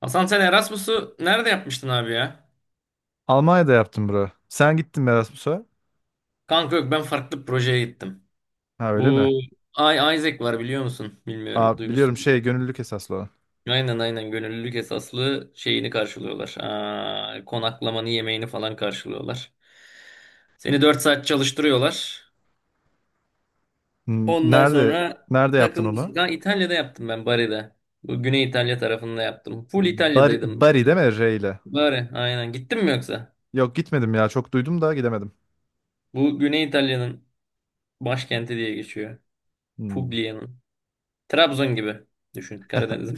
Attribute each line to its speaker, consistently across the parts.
Speaker 1: Hasan, sen Erasmus'u nerede yapmıştın abi ya?
Speaker 2: Almanya'da yaptım bro. Sen gittin mi Erasmus'a?
Speaker 1: Kanka yok, ben farklı bir projeye gittim.
Speaker 2: Ha, öyle
Speaker 1: Bu
Speaker 2: mi?
Speaker 1: Ay, Isaac var, biliyor musun? Bilmiyorum.
Speaker 2: Aa, biliyorum
Speaker 1: Duymuşsunuz.
Speaker 2: gönüllülük esaslı olan.
Speaker 1: Aynen aynen, gönüllülük esaslı şeyini karşılıyorlar. Aa, konaklamanı, yemeğini falan karşılıyorlar. Seni 4 saat çalıştırıyorlar.
Speaker 2: Hmm.
Speaker 1: Ondan
Speaker 2: Nerede
Speaker 1: sonra
Speaker 2: nerede yaptın
Speaker 1: takılıyorsun.
Speaker 2: onu?
Speaker 1: Kanka İtalya'da yaptım ben, Bari'de. Bu Güney İtalya tarafında yaptım. Full
Speaker 2: Bari,
Speaker 1: İtalya'daydım.
Speaker 2: Bari değil mi, R ile?
Speaker 1: Bari aynen. Gittin mi yoksa?
Speaker 2: Yok, gitmedim ya, çok duydum da gidemedim.
Speaker 1: Bu Güney İtalya'nın başkenti diye geçiyor.
Speaker 2: Hmm.
Speaker 1: Puglia'nın. Trabzon gibi. Düşün, Karadeniz'in.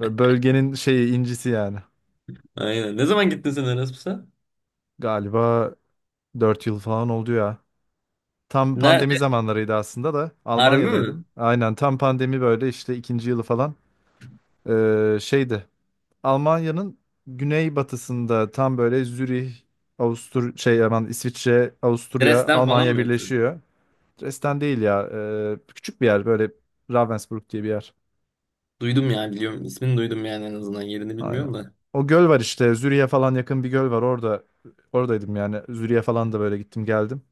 Speaker 2: Böyle bölgenin incisi yani.
Speaker 1: Aynen. Ne zaman gittin sen Erasmus'a?
Speaker 2: Galiba 4 yıl falan oldu ya. Tam pandemi
Speaker 1: Nerede?
Speaker 2: zamanlarıydı aslında da
Speaker 1: Harbi mi?
Speaker 2: Almanya'daydım. Aynen tam pandemi böyle işte ikinci yılı falan. Ee, şeydi Almanya'nın güneybatısında, tam böyle Zürih, Avustur şey aman İsviçre, Avusturya,
Speaker 1: Dresden falan
Speaker 2: Almanya
Speaker 1: mı yoksa?
Speaker 2: birleşiyor. Dresden değil ya. Küçük bir yer böyle, Ravensbrück diye bir yer.
Speaker 1: Duydum ya, biliyorum. İsmini duydum yani, en azından. Yerini
Speaker 2: Aynen.
Speaker 1: bilmiyorum da.
Speaker 2: O göl var işte. Zürih'e falan yakın bir göl var. Orada oradaydım yani. Zürih'e falan da böyle gittim geldim.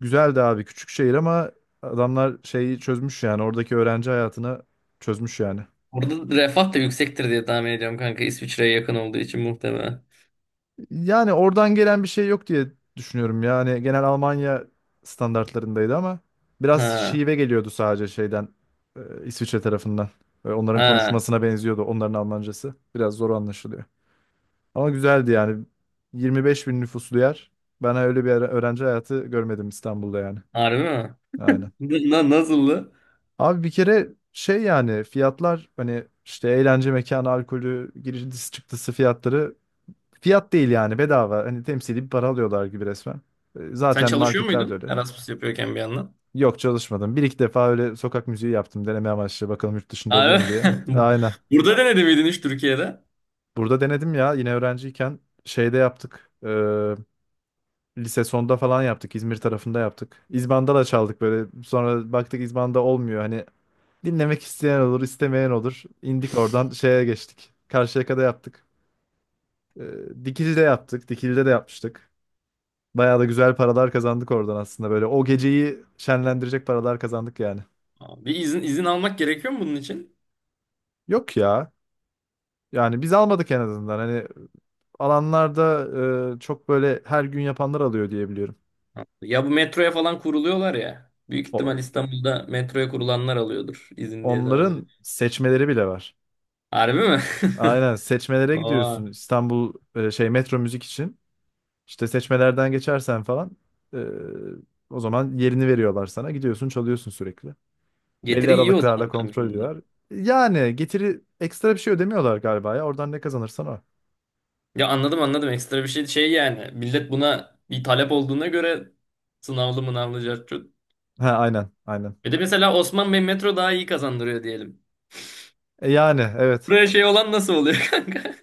Speaker 2: Güzeldi abi, küçük şehir ama adamlar çözmüş yani. Oradaki öğrenci hayatını çözmüş yani.
Speaker 1: Orada refah da yüksektir diye tahmin ediyorum kanka. İsviçre'ye yakın olduğu için muhtemelen.
Speaker 2: Yani oradan gelen bir şey yok diye düşünüyorum. Yani genel Almanya standartlarındaydı ama biraz
Speaker 1: Ha.
Speaker 2: şive geliyordu sadece İsviçre tarafından. Onların
Speaker 1: Ha.
Speaker 2: konuşmasına benziyordu, onların Almancası. Biraz zor anlaşılıyor. Ama güzeldi yani. 25 bin nüfuslu yer. Ben öyle bir öğrenci hayatı görmedim İstanbul'da yani.
Speaker 1: Harbi mi?
Speaker 2: Aynen.
Speaker 1: Nasıldı?
Speaker 2: Abi bir kere yani fiyatlar, hani işte eğlence mekanı, alkolü, girişi çıktısı fiyatları, fiyat değil yani, bedava. Hani temsili bir para alıyorlar gibi resmen.
Speaker 1: Sen
Speaker 2: Zaten
Speaker 1: çalışıyor
Speaker 2: marketler de
Speaker 1: muydun
Speaker 2: öyle.
Speaker 1: Erasmus yapıyorken bir yandan?
Speaker 2: Yok, çalışmadım. Bir iki defa öyle sokak müziği yaptım deneme amaçlı. Bakalım yurt dışında oluyor
Speaker 1: Abi.
Speaker 2: mu diye. Aynen.
Speaker 1: Burada denedi miydin hiç, Türkiye'de?
Speaker 2: Burada denedim ya, yine öğrenciyken şeyde yaptık. Lise sonda falan yaptık. İzmir tarafında yaptık. İzbanda da çaldık böyle. Sonra baktık İzbanda olmuyor. Hani dinlemek isteyen olur, istemeyen olur. İndik oradan, şeye geçtik. Karşıyaka'da yaptık. Dikili'de yaptık. Dikili'de de yapmıştık. Bayağı da güzel paralar kazandık oradan aslında böyle. O geceyi şenlendirecek paralar kazandık yani.
Speaker 1: Aa, bir izin almak gerekiyor mu bunun için?
Speaker 2: Yok ya. Yani biz almadık en azından. Hani alanlarda çok böyle her gün yapanlar alıyor diye biliyorum.
Speaker 1: Ya bu metroya falan kuruluyorlar ya. Büyük
Speaker 2: O,
Speaker 1: ihtimal İstanbul'da metroya kurulanlar alıyordur izin diye tahmin
Speaker 2: onların
Speaker 1: ediyorum.
Speaker 2: seçmeleri bile var.
Speaker 1: Harbi mi?
Speaker 2: Aynen seçmelere gidiyorsun,
Speaker 1: Aa,
Speaker 2: İstanbul Metro Müzik için. İşte seçmelerden geçersen falan e, o zaman yerini veriyorlar sana. Gidiyorsun, çalıyorsun sürekli. Belli
Speaker 1: getiri iyi o zaman
Speaker 2: aralıklarla
Speaker 1: kanka
Speaker 2: kontrol
Speaker 1: bunda.
Speaker 2: ediyorlar. Yani getiri, ekstra bir şey ödemiyorlar galiba ya. Oradan ne kazanırsan o.
Speaker 1: Ya anladım anladım, ekstra bir şey yani. Millet buna bir talep olduğuna göre sınavlı mınavlı cart curt.
Speaker 2: Ha, aynen, aynen.
Speaker 1: Bir de mesela Osman Bey metro daha iyi kazandırıyor diyelim.
Speaker 2: Yani evet.
Speaker 1: Buraya şey olan nasıl oluyor kanka?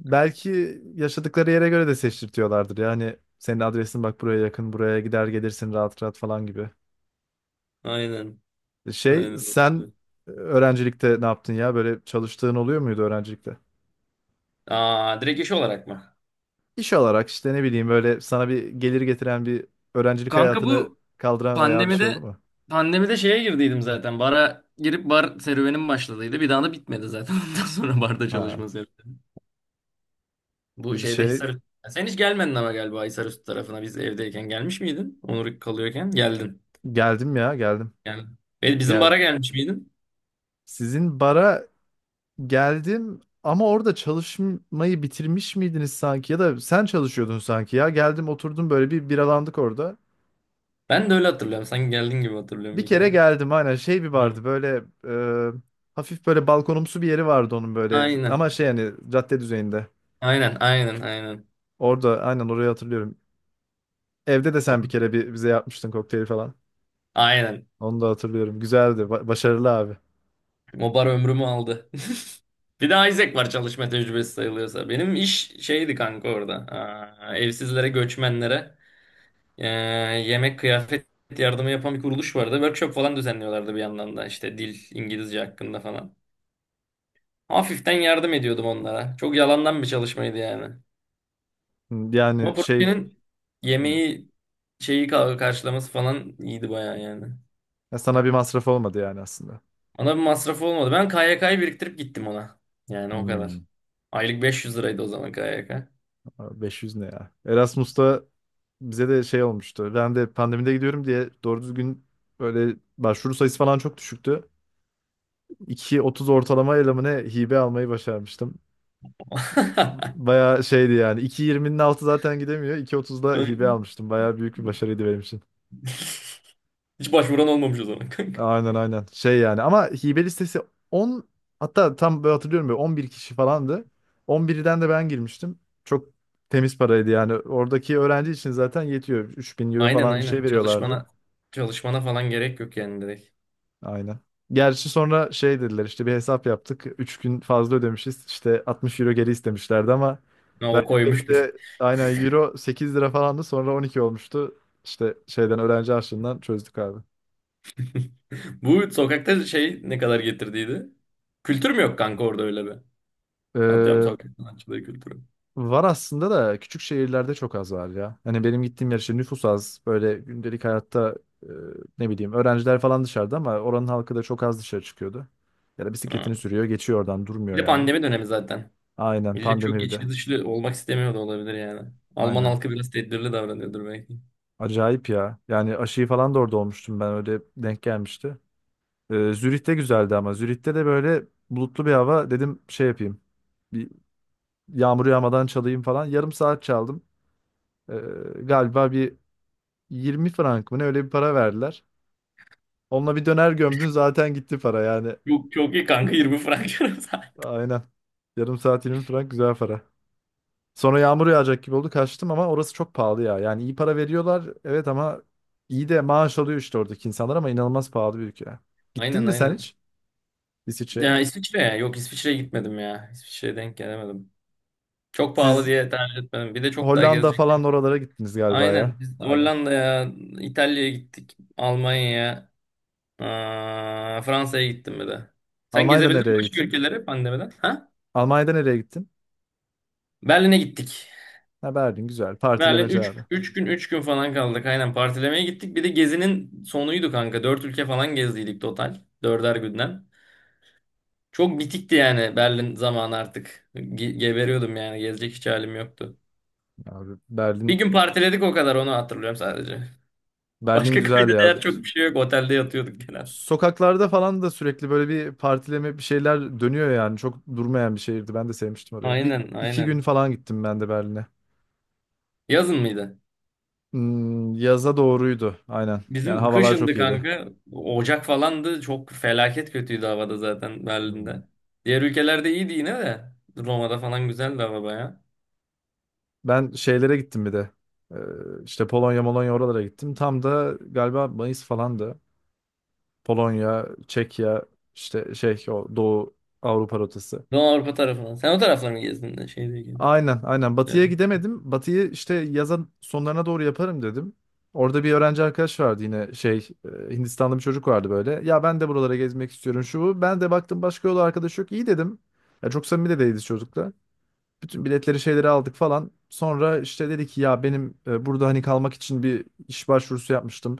Speaker 2: Belki yaşadıkları yere göre de seçtirtiyorlardır. Yani senin adresin bak buraya yakın, buraya gider gelirsin rahat rahat falan gibi.
Speaker 1: Aynen. Aynen.
Speaker 2: Sen öğrencilikte ne yaptın ya? Böyle çalıştığın oluyor muydu öğrencilikte?
Speaker 1: Aa, direkt iş olarak mı?
Speaker 2: İş olarak işte ne bileyim böyle, sana bir gelir getiren, bir öğrencilik
Speaker 1: Kanka
Speaker 2: hayatını
Speaker 1: bu
Speaker 2: kaldıran ayağa bir şey oldu
Speaker 1: Pandemide,
Speaker 2: mu?
Speaker 1: şeye girdiydim zaten. Bara girip bar serüvenim başladıydı. Bir daha da bitmedi zaten. Ondan sonra barda
Speaker 2: Ha.
Speaker 1: çalışma serüveni.
Speaker 2: e,
Speaker 1: Bu şeyde
Speaker 2: Şey
Speaker 1: Hisar Sen hiç gelmedin ama galiba Hisarüstü tarafına, biz evdeyken gelmiş miydin? Onur kalıyorken geldin.
Speaker 2: Geldim ya, geldim.
Speaker 1: Yani bizim
Speaker 2: Gel.
Speaker 1: bara gelmiş miydin?
Speaker 2: Sizin bara geldim ama orada çalışmayı bitirmiş miydiniz sanki, ya da sen çalışıyordun sanki ya. Geldim, oturdum böyle, bir biralandık orada.
Speaker 1: Ben de öyle hatırlıyorum. Sanki geldin gibi hatırlıyorum
Speaker 2: Bir
Speaker 1: bir
Speaker 2: kere
Speaker 1: kere.
Speaker 2: geldim aynen, bir
Speaker 1: Hı.
Speaker 2: vardı böyle, hafif böyle balkonumsu bir yeri vardı onun böyle
Speaker 1: Aynen.
Speaker 2: ama şey yani cadde düzeyinde.
Speaker 1: Aynen, aynen, aynen.
Speaker 2: Orada aynen, orayı hatırlıyorum. Evde de sen bir
Speaker 1: O-
Speaker 2: kere bize yapmıştın kokteyli falan.
Speaker 1: Aynen.
Speaker 2: Onu da hatırlıyorum. Güzeldi. Başarılı abi.
Speaker 1: Mobar ömrümü aldı. Bir de Isaac var, çalışma tecrübesi sayılıyorsa. Benim iş şeydi kanka orada. Aa, evsizlere, göçmenlere eee, yemek, kıyafet yardımı yapan bir kuruluş vardı. Workshop falan düzenliyorlardı bir yandan da, işte dil, İngilizce hakkında falan. Hafiften yardım ediyordum onlara. Çok yalandan bir çalışmaydı yani.
Speaker 2: Hmm.
Speaker 1: Ama
Speaker 2: Yani
Speaker 1: projenin
Speaker 2: hmm.
Speaker 1: yemeği şeyi karşılaması falan iyiydi bayağı yani.
Speaker 2: Ya sana bir masraf olmadı yani aslında.
Speaker 1: Ona bir masrafı olmadı. Ben KYK'yı biriktirip gittim ona. Yani o kadar.
Speaker 2: Hmm.
Speaker 1: Aylık 500 liraydı o zaman KYK.
Speaker 2: 500 ne ya? Erasmus'ta bize de şey olmuştu. Ben de pandemide gidiyorum diye, doğru düzgün böyle başvuru sayısı falan çok düşüktü. 2.30 ortalama ile mi ne hibe almayı başarmıştım. Bayağı şeydi yani. 2.20'nin altı zaten gidemiyor. 2.30'da hibe almıştım. Bayağı büyük bir başarıydı benim için.
Speaker 1: Hiç başvuran olmamış o zaman kanka.
Speaker 2: Aynen, aynen. Yani, ama hibe listesi 10, hatta tam böyle hatırlıyorum böyle 11 kişi falandı. 11'den de ben girmiştim. Çok temiz paraydı yani. Oradaki öğrenci için zaten yetiyor. 3.000 euro
Speaker 1: Aynen
Speaker 2: falan bir, evet, şey
Speaker 1: aynen.
Speaker 2: veriyorlardı.
Speaker 1: Çalışmana falan gerek yok yani, direkt.
Speaker 2: Aynen. Gerçi sonra şey dediler, işte bir hesap yaptık. 3 gün fazla ödemişiz. İşte 60 euro geri istemişlerdi ama
Speaker 1: Ha, o koymuştur.
Speaker 2: verdiklerinde aynen euro 8 lira falandı, sonra 12 olmuştu. İşte şeyden, öğrenci harçlığından çözdük abi.
Speaker 1: Bu sokakta şey ne kadar getirdiydi? Kültür mü yok kanka orada öyle bir? Atıyorum,
Speaker 2: Ee,
Speaker 1: sokak sanatçılığı kültürü.
Speaker 2: Var aslında da, küçük şehirlerde çok az var ya. Hani benim gittiğim yer işte, nüfus az. Böyle gündelik hayatta e, ne bileyim öğrenciler falan dışarıda ama oranın halkı da çok az dışarı çıkıyordu. Ya da bisikletini
Speaker 1: Ha.
Speaker 2: sürüyor, geçiyor oradan,
Speaker 1: Bir
Speaker 2: durmuyor
Speaker 1: de
Speaker 2: yani.
Speaker 1: pandemi dönemi zaten.
Speaker 2: Aynen,
Speaker 1: Millet
Speaker 2: pandemi
Speaker 1: çok
Speaker 2: bir de.
Speaker 1: içli dışlı olmak istemiyor da olabilir yani. Alman
Speaker 2: Aynen.
Speaker 1: halkı biraz tedbirli davranıyordur belki.
Speaker 2: Acayip ya. Yani aşıyı falan da orada olmuştum ben, öyle denk gelmişti. Zürih'te güzeldi ama Zürih'te de böyle bulutlu bir hava, dedim şey yapayım. Bir yağmur yağmadan çalayım falan. Yarım saat çaldım. Ee, Galiba bir 20 frank mı ne öyle bir para verdiler. Onunla bir döner gömdün, zaten gitti para yani.
Speaker 1: Çok çok iyi kanka 20 frank.
Speaker 2: Aynen. Yarım saat 20 frank, güzel para. Sonra yağmur yağacak gibi oldu, kaçtım ama orası çok pahalı ya. Yani iyi para veriyorlar evet, ama iyi de maaş alıyor işte oradaki insanlar, ama inanılmaz pahalı bir ülke. Gittin
Speaker 1: Aynen
Speaker 2: mi sen
Speaker 1: aynen.
Speaker 2: hiç? İsviçre.
Speaker 1: Ya İsviçre ya. Yok, İsviçre'ye gitmedim ya. İsviçre'ye denk gelemedim. Çok pahalı
Speaker 2: Siz
Speaker 1: diye tercih etmedim. Bir de çok daha
Speaker 2: Hollanda
Speaker 1: gezecek.
Speaker 2: falan oralara gittiniz galiba ya.
Speaker 1: Aynen. Biz
Speaker 2: Aynen.
Speaker 1: Hollanda'ya, İtalya'ya gittik. Almanya'ya, aa, Fransa'ya gittim bir de. Sen
Speaker 2: Almanya'da
Speaker 1: gezebildin mi
Speaker 2: nereye
Speaker 1: başka
Speaker 2: gittin?
Speaker 1: ülkelere pandemiden? Ha?
Speaker 2: Almanya'da nereye gittin?
Speaker 1: Berlin'e gittik.
Speaker 2: Ha, Berlin güzel.
Speaker 1: Berlin
Speaker 2: Partilemeci
Speaker 1: üç
Speaker 2: abi.
Speaker 1: üç gün üç gün falan kaldık. Aynen, partilemeye gittik. Bir de gezinin sonuydu kanka. 4 ülke falan gezdiydik total. Dörder günden. Çok bitikti yani Berlin zamanı artık. Geberiyordum yani. Gezecek hiç halim yoktu.
Speaker 2: Abi,
Speaker 1: Bir
Speaker 2: Berlin
Speaker 1: gün partiledik o kadar, onu hatırlıyorum sadece.
Speaker 2: Berlin
Speaker 1: Başka
Speaker 2: güzel
Speaker 1: kayda
Speaker 2: ya.
Speaker 1: değer çok bir şey yok. Otelde yatıyorduk genel.
Speaker 2: Sokaklarda falan da sürekli böyle bir partileme, bir şeyler dönüyor yani. Çok durmayan bir şehirdi. Ben de sevmiştim orayı. Bir
Speaker 1: Aynen
Speaker 2: iki gün
Speaker 1: aynen.
Speaker 2: falan gittim ben de Berlin'e.
Speaker 1: Yazın mıydı?
Speaker 2: Hmm, yaza doğruydu. Aynen. Yani
Speaker 1: Bizim
Speaker 2: havalar
Speaker 1: kışındı
Speaker 2: çok iyiydi.
Speaker 1: kanka. Ocak falandı. Çok felaket kötüydü havada zaten
Speaker 2: Hmm.
Speaker 1: Berlin'de. Diğer ülkelerde iyiydi yine de. Roma'da falan güzeldi hava baya.
Speaker 2: Ben şeylere gittim bir de. Ee, işte Polonya, Molonya oralara gittim. Tam da galiba Mayıs falandı. Polonya, Çekya, işte o Doğu Avrupa rotası.
Speaker 1: Doğu Avrupa tarafına. Sen o tarafları mı gezdin de şey diye.
Speaker 2: Aynen, aynen. Batı'ya
Speaker 1: Yani.
Speaker 2: gidemedim. Batı'yı işte yazın sonlarına doğru yaparım dedim. Orada bir öğrenci arkadaş vardı, yine Hindistanlı bir çocuk vardı böyle. Ya ben de buralara gezmek istiyorum şu bu. Ben de baktım başka yol arkadaş yok. İyi dedim. Ya çok samimi de değiliz çocukla. Bütün biletleri, şeyleri aldık falan. Sonra işte dedi ki, ya benim burada hani kalmak için bir iş başvurusu yapmıştım.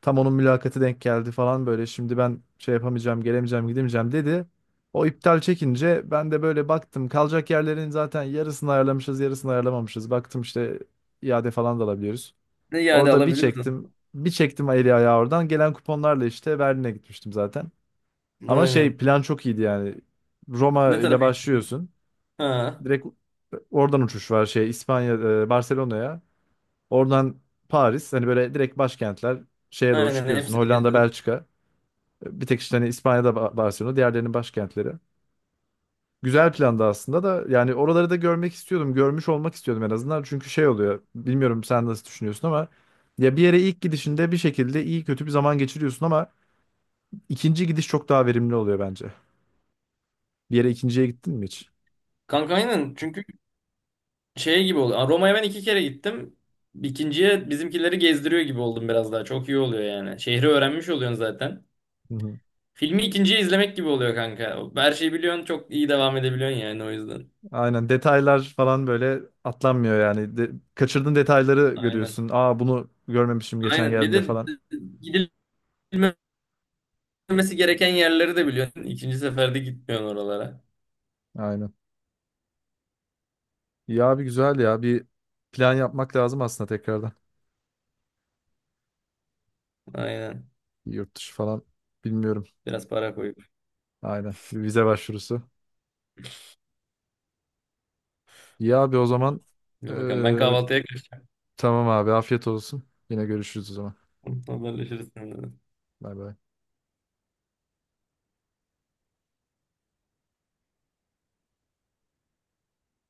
Speaker 2: Tam onun mülakatı denk geldi falan böyle. Şimdi ben şey yapamayacağım, gelemeyeceğim, gidemeyeceğim dedi. O iptal çekince ben de böyle baktım. Kalacak yerlerin zaten yarısını ayarlamışız, yarısını ayarlamamışız. Baktım işte iade falan da alabiliyoruz.
Speaker 1: Ne iade
Speaker 2: Orada bir çektim.
Speaker 1: alabiliyorsun.
Speaker 2: Bir çektim eli ayağı oradan. Gelen kuponlarla işte Berlin'e gitmiştim zaten. Ama
Speaker 1: Aynen.
Speaker 2: plan çok iyiydi yani. Roma
Speaker 1: Ne
Speaker 2: ile
Speaker 1: tarafa gidecektin?
Speaker 2: başlıyorsun.
Speaker 1: Ha.
Speaker 2: Direkt oradan uçuş var, İspanya Barcelona'ya. Oradan Paris, hani böyle direkt başkentler, şeye doğru
Speaker 1: Aynen,
Speaker 2: çıkıyorsun.
Speaker 1: hepsini
Speaker 2: Hollanda,
Speaker 1: gezip.
Speaker 2: Belçika. Bir tek işte hani İspanya'da Barcelona, diğerlerinin başkentleri. Güzel planda aslında da, yani oraları da görmek istiyordum. Görmüş olmak istiyordum en azından. Çünkü şey oluyor. Bilmiyorum sen nasıl düşünüyorsun ama, ya bir yere ilk gidişinde bir şekilde iyi kötü bir zaman geçiriyorsun ama ikinci gidiş çok daha verimli oluyor bence. Bir yere ikinciye gittin mi hiç?
Speaker 1: Kanka aynen. Çünkü şey gibi oluyor. Roma'ya ben iki kere gittim. İkinciye bizimkileri gezdiriyor gibi oldum biraz daha. Çok iyi oluyor yani. Şehri öğrenmiş oluyorsun zaten. Filmi ikinciye izlemek gibi oluyor kanka. Her şeyi biliyorsun, çok iyi devam edebiliyorsun yani, o yüzden.
Speaker 2: Aynen, detaylar falan böyle atlanmıyor yani. Kaçırdığın detayları
Speaker 1: Aynen.
Speaker 2: görüyorsun. Aa, bunu görmemişim geçen
Speaker 1: Aynen. Bir
Speaker 2: geldiğimde
Speaker 1: de
Speaker 2: falan.
Speaker 1: gidilmemesi gereken yerleri de biliyorsun. İkinci seferde gitmiyorsun oralara.
Speaker 2: Aynen. Ya abi, güzel ya. Bir plan yapmak lazım aslında tekrardan.
Speaker 1: Aynen.
Speaker 2: Bir yurt dışı falan, bilmiyorum.
Speaker 1: Biraz para koyup.
Speaker 2: Aynen. Bir vize başvurusu. Ya abi, o zaman
Speaker 1: İyi, bakalım. Ben
Speaker 2: eee,
Speaker 1: kahvaltıya kaçtım.
Speaker 2: tamam abi, afiyet olsun. Yine görüşürüz o zaman.
Speaker 1: Haberleşiriz seninle.
Speaker 2: Bay bay.